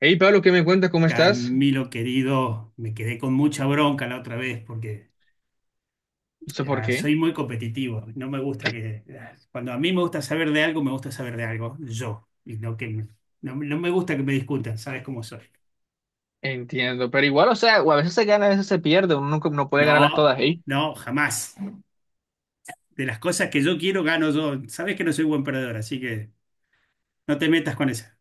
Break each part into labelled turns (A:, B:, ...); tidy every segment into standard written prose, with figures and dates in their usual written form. A: Hey Pablo, ¿qué me cuentas? ¿Cómo estás?
B: Camilo querido, me quedé con mucha bronca la otra vez porque
A: No sé por qué.
B: soy muy competitivo. No me gusta que cuando a mí me gusta saber de algo, me gusta saber de algo yo. Y no que no, no me gusta que me discutan, ¿sabes cómo soy?
A: Entiendo, pero igual, o sea, o a veces se gana, a veces se pierde, uno nunca no puede ganarlas
B: No,
A: todas, ¿eh?
B: no, jamás. De las cosas que yo quiero, gano yo. Sabes que no soy buen perdedor, así que no te metas con esa.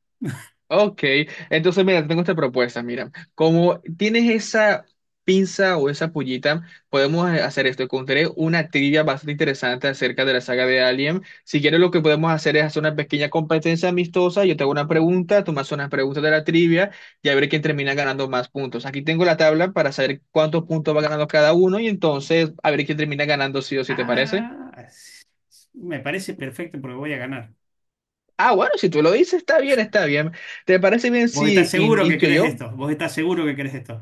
A: Ok, entonces mira, te tengo esta propuesta, mira, como tienes esa pinza o esa pullita, podemos hacer esto, encontré una trivia bastante interesante acerca de la saga de Alien, si quieres lo que podemos hacer es hacer una pequeña competencia amistosa, yo te hago una pregunta, tú me haces unas preguntas de la trivia y a ver quién termina ganando más puntos. Aquí tengo la tabla para saber cuántos puntos va ganando cada uno y entonces a ver quién termina ganando sí o sí, ¿te parece?
B: Ah, me parece perfecto porque voy a ganar.
A: Ah, bueno, si tú lo dices, está bien, está bien. ¿Te parece bien
B: ¿Vos estás
A: si
B: seguro que
A: inicio
B: querés
A: yo?
B: esto? ¿Vos estás seguro que querés esto?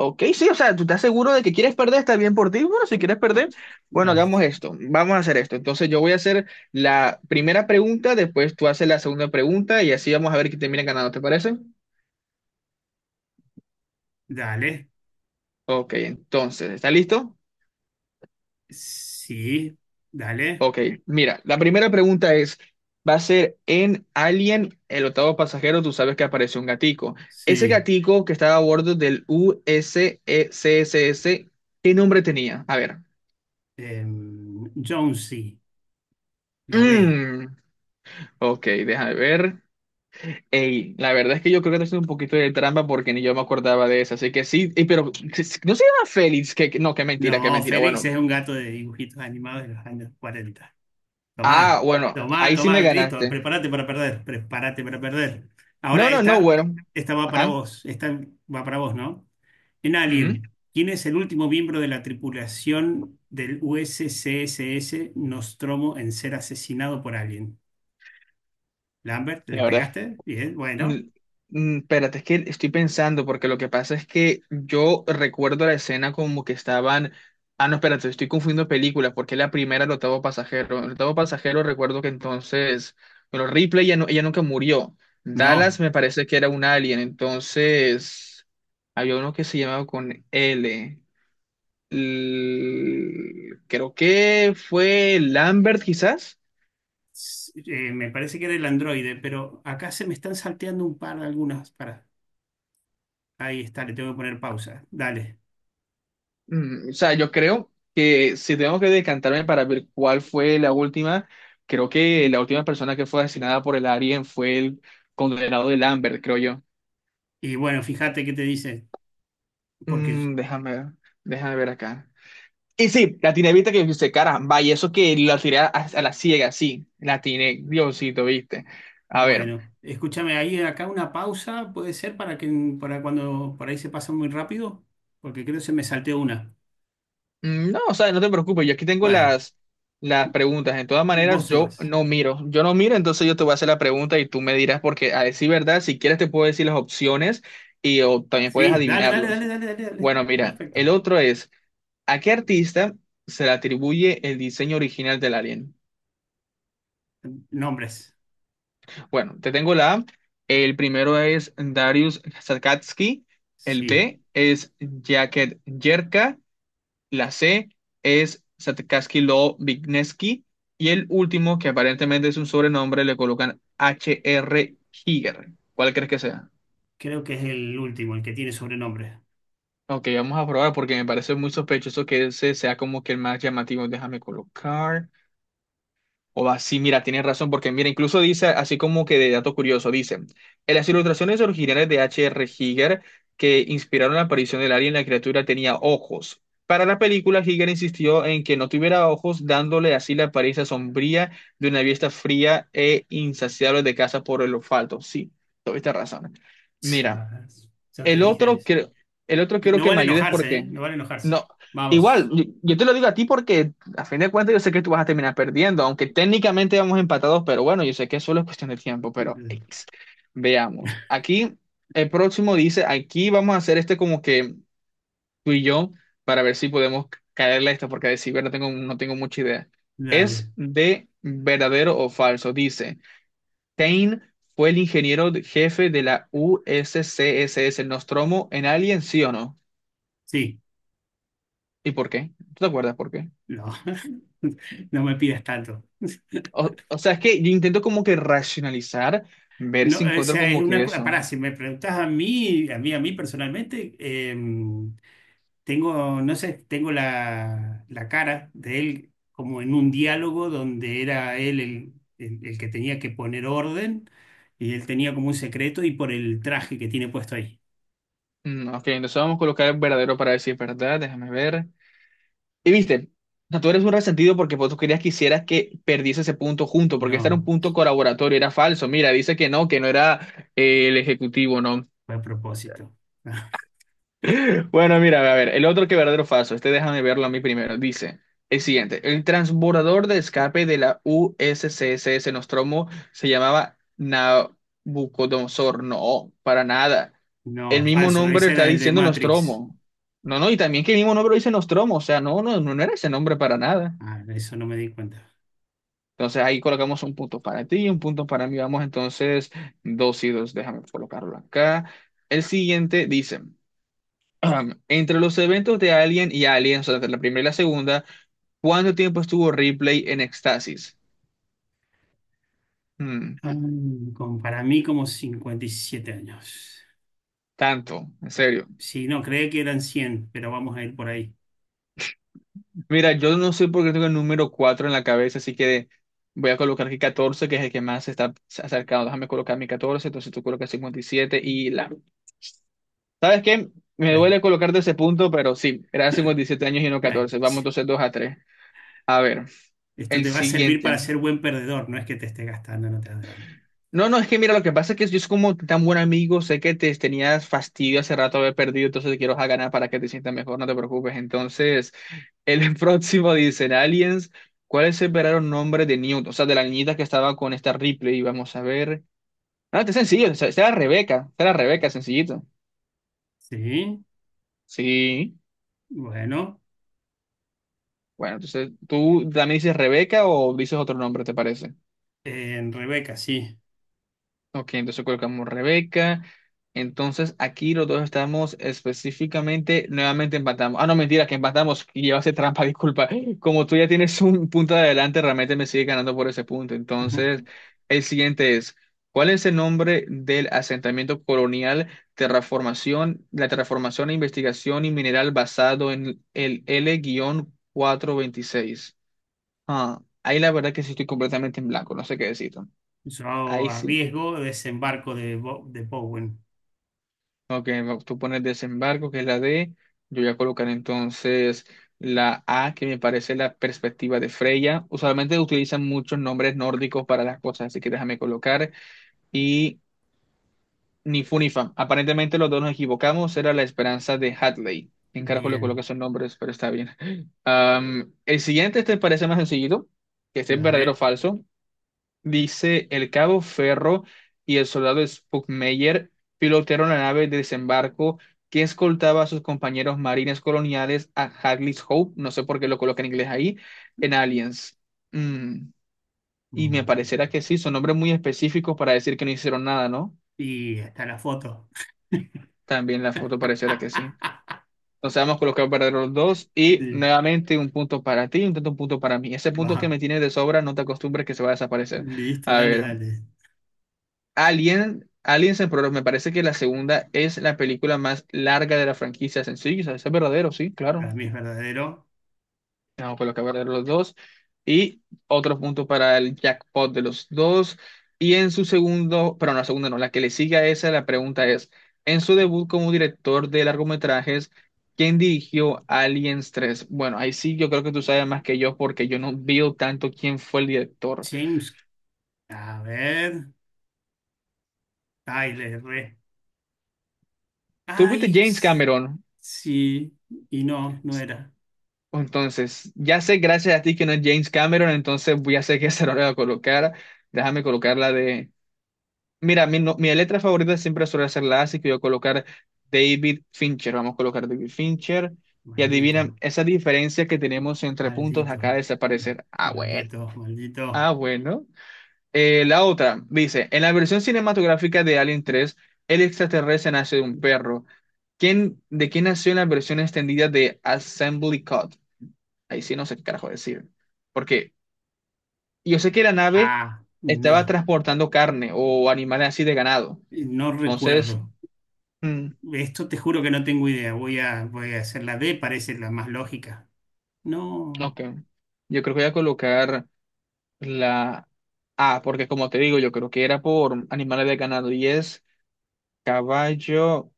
A: Ok, sí, o sea, tú estás seguro de que quieres perder, está bien por ti. Bueno, si quieres perder, bueno,
B: Dale.
A: hagamos esto, vamos a hacer esto. Entonces yo voy a hacer la primera pregunta, después tú haces la segunda pregunta y así vamos a ver quién termina ganando, ¿te parece?
B: Dale.
A: Ok, entonces, ¿está listo?
B: Sí, dale.
A: Ok, mira, la primera pregunta es, va a ser en Alien, el octavo pasajero, tú sabes que apareció un gatico. Ese
B: Sí.
A: gatico que estaba a bordo del USECSS, ¿qué nombre tenía? A ver.
B: Jonesy, la B.
A: Mm, ok, déjame ver. Ey, la verdad es que yo creo que te haces un poquito de trampa porque ni yo me acordaba de eso. Así que sí, ey, pero no se llama Félix, no, qué mentira, qué
B: No,
A: mentira.
B: Félix
A: Bueno,
B: es un gato de dibujitos animados de los años 40.
A: ah,
B: Tomá,
A: bueno,
B: tomá,
A: ahí sí
B: tomá,
A: me
B: listo.
A: ganaste.
B: Prepárate para perder, prepárate para perder.
A: No,
B: Ahora
A: no, no,
B: esta,
A: bueno.
B: esta va para
A: Ajá.
B: vos. Esta va para vos, ¿no? En
A: Ujú,
B: Alien, ¿quién es el último miembro de la tripulación del USCSS Nostromo en ser asesinado por Alien? ¿Lambert, le
A: la verdad.
B: pegaste? Bien,
A: Mm,
B: bueno.
A: Espérate, es que estoy pensando, porque lo que pasa es que yo recuerdo la escena como que estaban. Ah, no, espérate, estoy confundiendo películas, porque la primera el octavo pasajero. El octavo pasajero recuerdo que entonces. Bueno, Ripley ella, no, ella nunca murió.
B: No.
A: Dallas me parece que era un alien, entonces. Había uno que se llamaba con L. L- creo que fue Lambert, quizás.
B: Me parece que era el androide, pero acá se me están salteando un par de algunas. Para, ahí está, le tengo que poner pausa. Dale.
A: O sea, yo creo que si tengo que decantarme para ver cuál fue la última, creo que la última persona que fue asesinada por el Alien fue el condenado de Lambert, creo yo.
B: Y bueno, fíjate qué te dice, porque,
A: Mm, déjame ver, déjame ver acá. Y sí, la tiene vista que dice, caramba, y eso que la tiré a la ciega, sí, la tiene, Diosito, viste. A ver.
B: bueno, escúchame, ahí acá una pausa puede ser para que para cuando por ahí se pasa muy rápido, porque creo que se me salteó una.
A: No, o sea, no te preocupes, yo aquí tengo
B: Bueno,
A: las preguntas. En todas
B: vos
A: maneras,
B: se
A: yo
B: vas.
A: no miro. Yo no miro, entonces yo te voy a hacer la pregunta y tú me dirás, porque a decir verdad, si quieres te puedo decir las opciones y o también puedes
B: Sí, dale, dale,
A: adivinarlos.
B: dale, dale, dale, dale.
A: Bueno, mira, el
B: Perfecto.
A: otro es, ¿a qué artista se le atribuye el diseño original del Alien?
B: Nombres.
A: Bueno, te tengo la A. El primero es Darius Sakatsky, el
B: Sí,
A: B es Jacket Jerka, la C es Satkarsky Lo Vigneski. Y el último, que aparentemente es un sobrenombre, le colocan H.R. Giger. ¿Cuál crees que sea?
B: creo que es el último, el que tiene sobrenombre.
A: Ok, vamos a probar porque me parece muy sospechoso que ese sea como que el más llamativo. Déjame colocar. O va, sí, mira, tienes razón, porque mira, incluso dice, así como que de dato curioso, dice, en las ilustraciones originales de H.R. Giger que inspiraron la aparición del alien, la criatura tenía ojos. Para la película, Giger insistió en que no tuviera ojos, dándole así la apariencia sombría de una vista fría e insaciable de caza por el olfato. Sí, tuviste razón. Mira.
B: Ya te
A: El
B: dije.
A: otro, creo- el otro
B: No,
A: quiero
B: no
A: que me
B: vale
A: ayudes
B: enojarse, ¿eh?
A: porque
B: No vale enojarse.
A: no. Igual,
B: Vamos.
A: yo te lo digo a ti porque a fin de cuentas yo sé que tú vas a terminar perdiendo, aunque técnicamente vamos empatados, pero bueno, yo sé que solo es cuestión de tiempo, pero
B: D-
A: veamos. Aquí el próximo dice, aquí vamos a hacer este como que tú y yo para ver si podemos caerle a esto porque de ciber no tengo, no tengo mucha idea.
B: Dale.
A: Es de verdadero o falso, dice. Stein fue el ingeniero jefe de la USCSS Nostromo en Alien, ¿sí o no?
B: Sí.
A: ¿Y por qué? ¿Tú te acuerdas por qué?
B: No. No me pidas tanto.
A: O sea, es que yo intento como que racionalizar, ver
B: No,
A: si
B: o
A: encuentro
B: sea, es
A: como
B: una
A: que
B: cosa.
A: eso.
B: Pará, si me preguntás a mí, a mí, a mí personalmente, no sé, tengo la cara de él como en un diálogo donde era él el que tenía que poner orden y él tenía como un secreto y por el traje que tiene puesto ahí.
A: Ok, entonces vamos a colocar el verdadero para decir verdad, déjame ver. Y viste, o sea, tú eres un resentido porque vos querías que hicieras que perdiese ese punto junto, porque este era un
B: No,
A: punto colaboratorio, era falso. Mira, dice que no era el ejecutivo, ¿no?
B: fue a propósito.
A: Bueno, mira, a ver, el otro que verdadero o falso, este déjame verlo a mí primero. Dice el siguiente: el transbordador de escape de la USCSS Nostromo se llamaba Nabucodonosor. No, para nada. El
B: No,
A: mismo
B: falso,
A: nombre
B: ese
A: está
B: era el de
A: diciendo
B: Matrix.
A: Nostromo. No, no, y también que el mismo nombre lo dice Nostromo, o sea, no, no, no era ese nombre para nada.
B: Ah, eso no me di cuenta.
A: Entonces ahí colocamos un punto para ti y un punto para mí. Vamos entonces 2-2, déjame colocarlo acá. El siguiente dice. Entre los eventos de Alien y Aliens, o sea, entre la primera y la segunda, ¿cuánto tiempo estuvo Ripley en éxtasis? Hmm,
B: Ah, para mí como 57 años.
A: tanto, en serio.
B: Sí, no, creía que eran 100 pero vamos a ir por ahí.
A: Mira, yo no sé por qué tengo el número 4 en la cabeza, así que voy a colocar aquí 14, que es el que más se está acercado. Déjame colocar mi 14, entonces tú colocas 57 y la. ¿Sabes qué? Me
B: La-
A: duele colocarte ese punto, pero sí, era 57 años y no
B: la-
A: 14. Vamos entonces 2-3. A ver,
B: Esto
A: el
B: te va a servir
A: siguiente.
B: para ser buen perdedor, no es que te esté gastando en otras drama.
A: No, no, es que mira, lo que pasa es que yo es como tan buen amigo, sé que te tenías fastidio hace rato de haber perdido, entonces te quiero a ganar para que te sientas mejor, no te preocupes. Entonces, el próximo dicen Aliens, ¿cuál es el verdadero nombre de Newt? O sea, de la niñita que estaba con esta Ripley, y vamos a ver. No, este es sencillo, esta era Rebeca, esta era Rebeca, sencillito.
B: Sí,
A: Sí,
B: bueno,
A: bueno, entonces, ¿tú también dices Rebeca o dices otro nombre, te parece?
B: en Rebeca, sí.
A: Ok, entonces colocamos Rebeca. Entonces aquí los dos estamos específicamente, nuevamente empatamos. Ah, no, mentira, que empatamos y llevaste trampa, disculpa. Como tú ya tienes un punto de adelante, realmente me sigue ganando por ese punto.
B: Ajá.
A: Entonces, el siguiente es, ¿cuál es el nombre del asentamiento colonial, terraformación, la terraformación e investigación y mineral basado en el l 426? Ah, ahí la verdad que sí estoy completamente en blanco, no sé qué decirte.
B: Yo
A: Ahí sí.
B: arriesgo desembarco de Bowen.
A: Ok, tú pones desembarco, que es la D. Yo voy a colocar entonces la A, que me parece la perspectiva de Freya. Usualmente utilizan muchos nombres nórdicos para las cosas, así que déjame colocar. Y ni fu ni fa. Aparentemente los dos nos equivocamos. Era la esperanza de Hadley. En carajo le coloqué
B: Bien,
A: esos nombres, pero está bien. El siguiente este parece más sencillo, que este es verdadero o
B: dale.
A: falso. Dice el cabo Ferro y el soldado Spuckmeyer pilotearon la nave de desembarco que escoltaba a sus compañeros marines coloniales a Hagley's Hope, no sé por qué lo coloca en inglés ahí, en Aliens. Mm, Y me
B: Mm.
A: parecerá que sí, son nombres muy específicos para decir que no hicieron nada, ¿no?
B: Y está la foto.
A: También la foto parecerá que sí. Entonces vamos a colocar para los dos y
B: Sí,
A: nuevamente un punto para ti y un tanto un punto para mí. Ese punto que
B: vamos.
A: me tienes de sobra, no te acostumbres que se va a desaparecer.
B: Listo,
A: A
B: dale,
A: ver,
B: dale.
A: Alien, Aliens en Progreso, me parece que la segunda es la película más larga de la franquicia. Sencillo, eso es verdadero, sí,
B: Para
A: claro.
B: mí es verdadero.
A: Vamos a colocar verdadero los dos. Y otro punto para el jackpot de los dos. Y en su segundo, pero no, la segunda no, la que le sigue a esa, la pregunta es, en su debut como director de largometrajes, ¿quién dirigió Aliens 3? Bueno, ahí sí yo creo que tú sabes más que yo porque yo no veo tanto quién fue el director.
B: James, a ver, ay, le erré.
A: ¿Tú viste
B: Ay,
A: James Cameron?
B: sí, y no, no era.
A: Entonces, ya sé, gracias a ti que no es James Cameron, entonces voy a sé qué se lo voy a colocar. Déjame colocar la de. Mira, mi, no- mi letra favorita siempre suele ser la A, así que voy a colocar David Fincher. Vamos a colocar David Fincher. Y
B: Maldito,
A: adivina, esa diferencia que tenemos entre puntos
B: maldito,
A: acaba de desaparecer. Ah, bueno.
B: maldito, maldito.
A: Ah, bueno. La otra dice: en la versión cinematográfica de Alien 3 el extraterrestre nace de un perro. ¿Quién, de quién nació en la versión extendida de Assembly Cut? Ahí sí no sé qué carajo decir. Porque yo sé que la nave
B: Ah,
A: estaba
B: no,
A: transportando carne o animales así de ganado.
B: no
A: Entonces,
B: recuerdo.
A: mm,
B: Esto te juro que no tengo idea. Voy a hacer la D, parece la más lógica. No.
A: ok. Yo creo que voy a colocar la A, porque como te digo, yo creo que era por animales de ganado y es Caballo.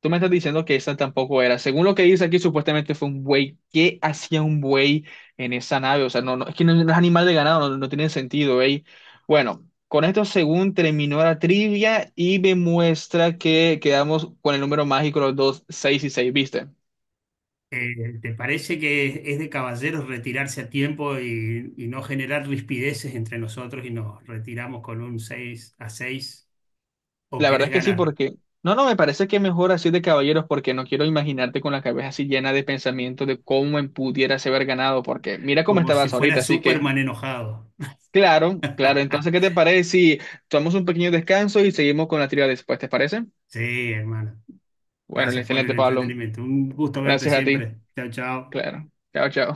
A: Tú me estás diciendo que esa tampoco era. Según lo que dice aquí, supuestamente fue un buey. ¿Qué hacía un buey en esa nave? O sea, no, no, es que no, no es animal de ganado, no, no tiene sentido, ¿eh? Bueno, con esto, según terminó la trivia y me muestra que quedamos con el número mágico, los dos, 6-6, ¿viste?
B: ¿Te parece que es de caballeros retirarse a tiempo y no generar rispideces entre nosotros y nos retiramos con un 6-6? ¿O
A: La verdad
B: querés
A: es que sí,
B: ganar?
A: porque. No, no, me parece que mejor así de caballeros, porque no quiero imaginarte con la cabeza así llena de pensamientos de cómo me pudieras haber ganado, porque mira cómo
B: Como si
A: estabas
B: fuera
A: ahorita, así que.
B: Superman enojado.
A: Claro, claro. Entonces, ¿qué te parece si tomamos un pequeño descanso y seguimos con la trivia después? ¿Te parece?
B: Sí, hermano.
A: Bueno,
B: Gracias por el
A: excelente, Pablo.
B: entretenimiento. Un gusto verte
A: Gracias a ti.
B: siempre. Chao, chao.
A: Claro. Chao, chao.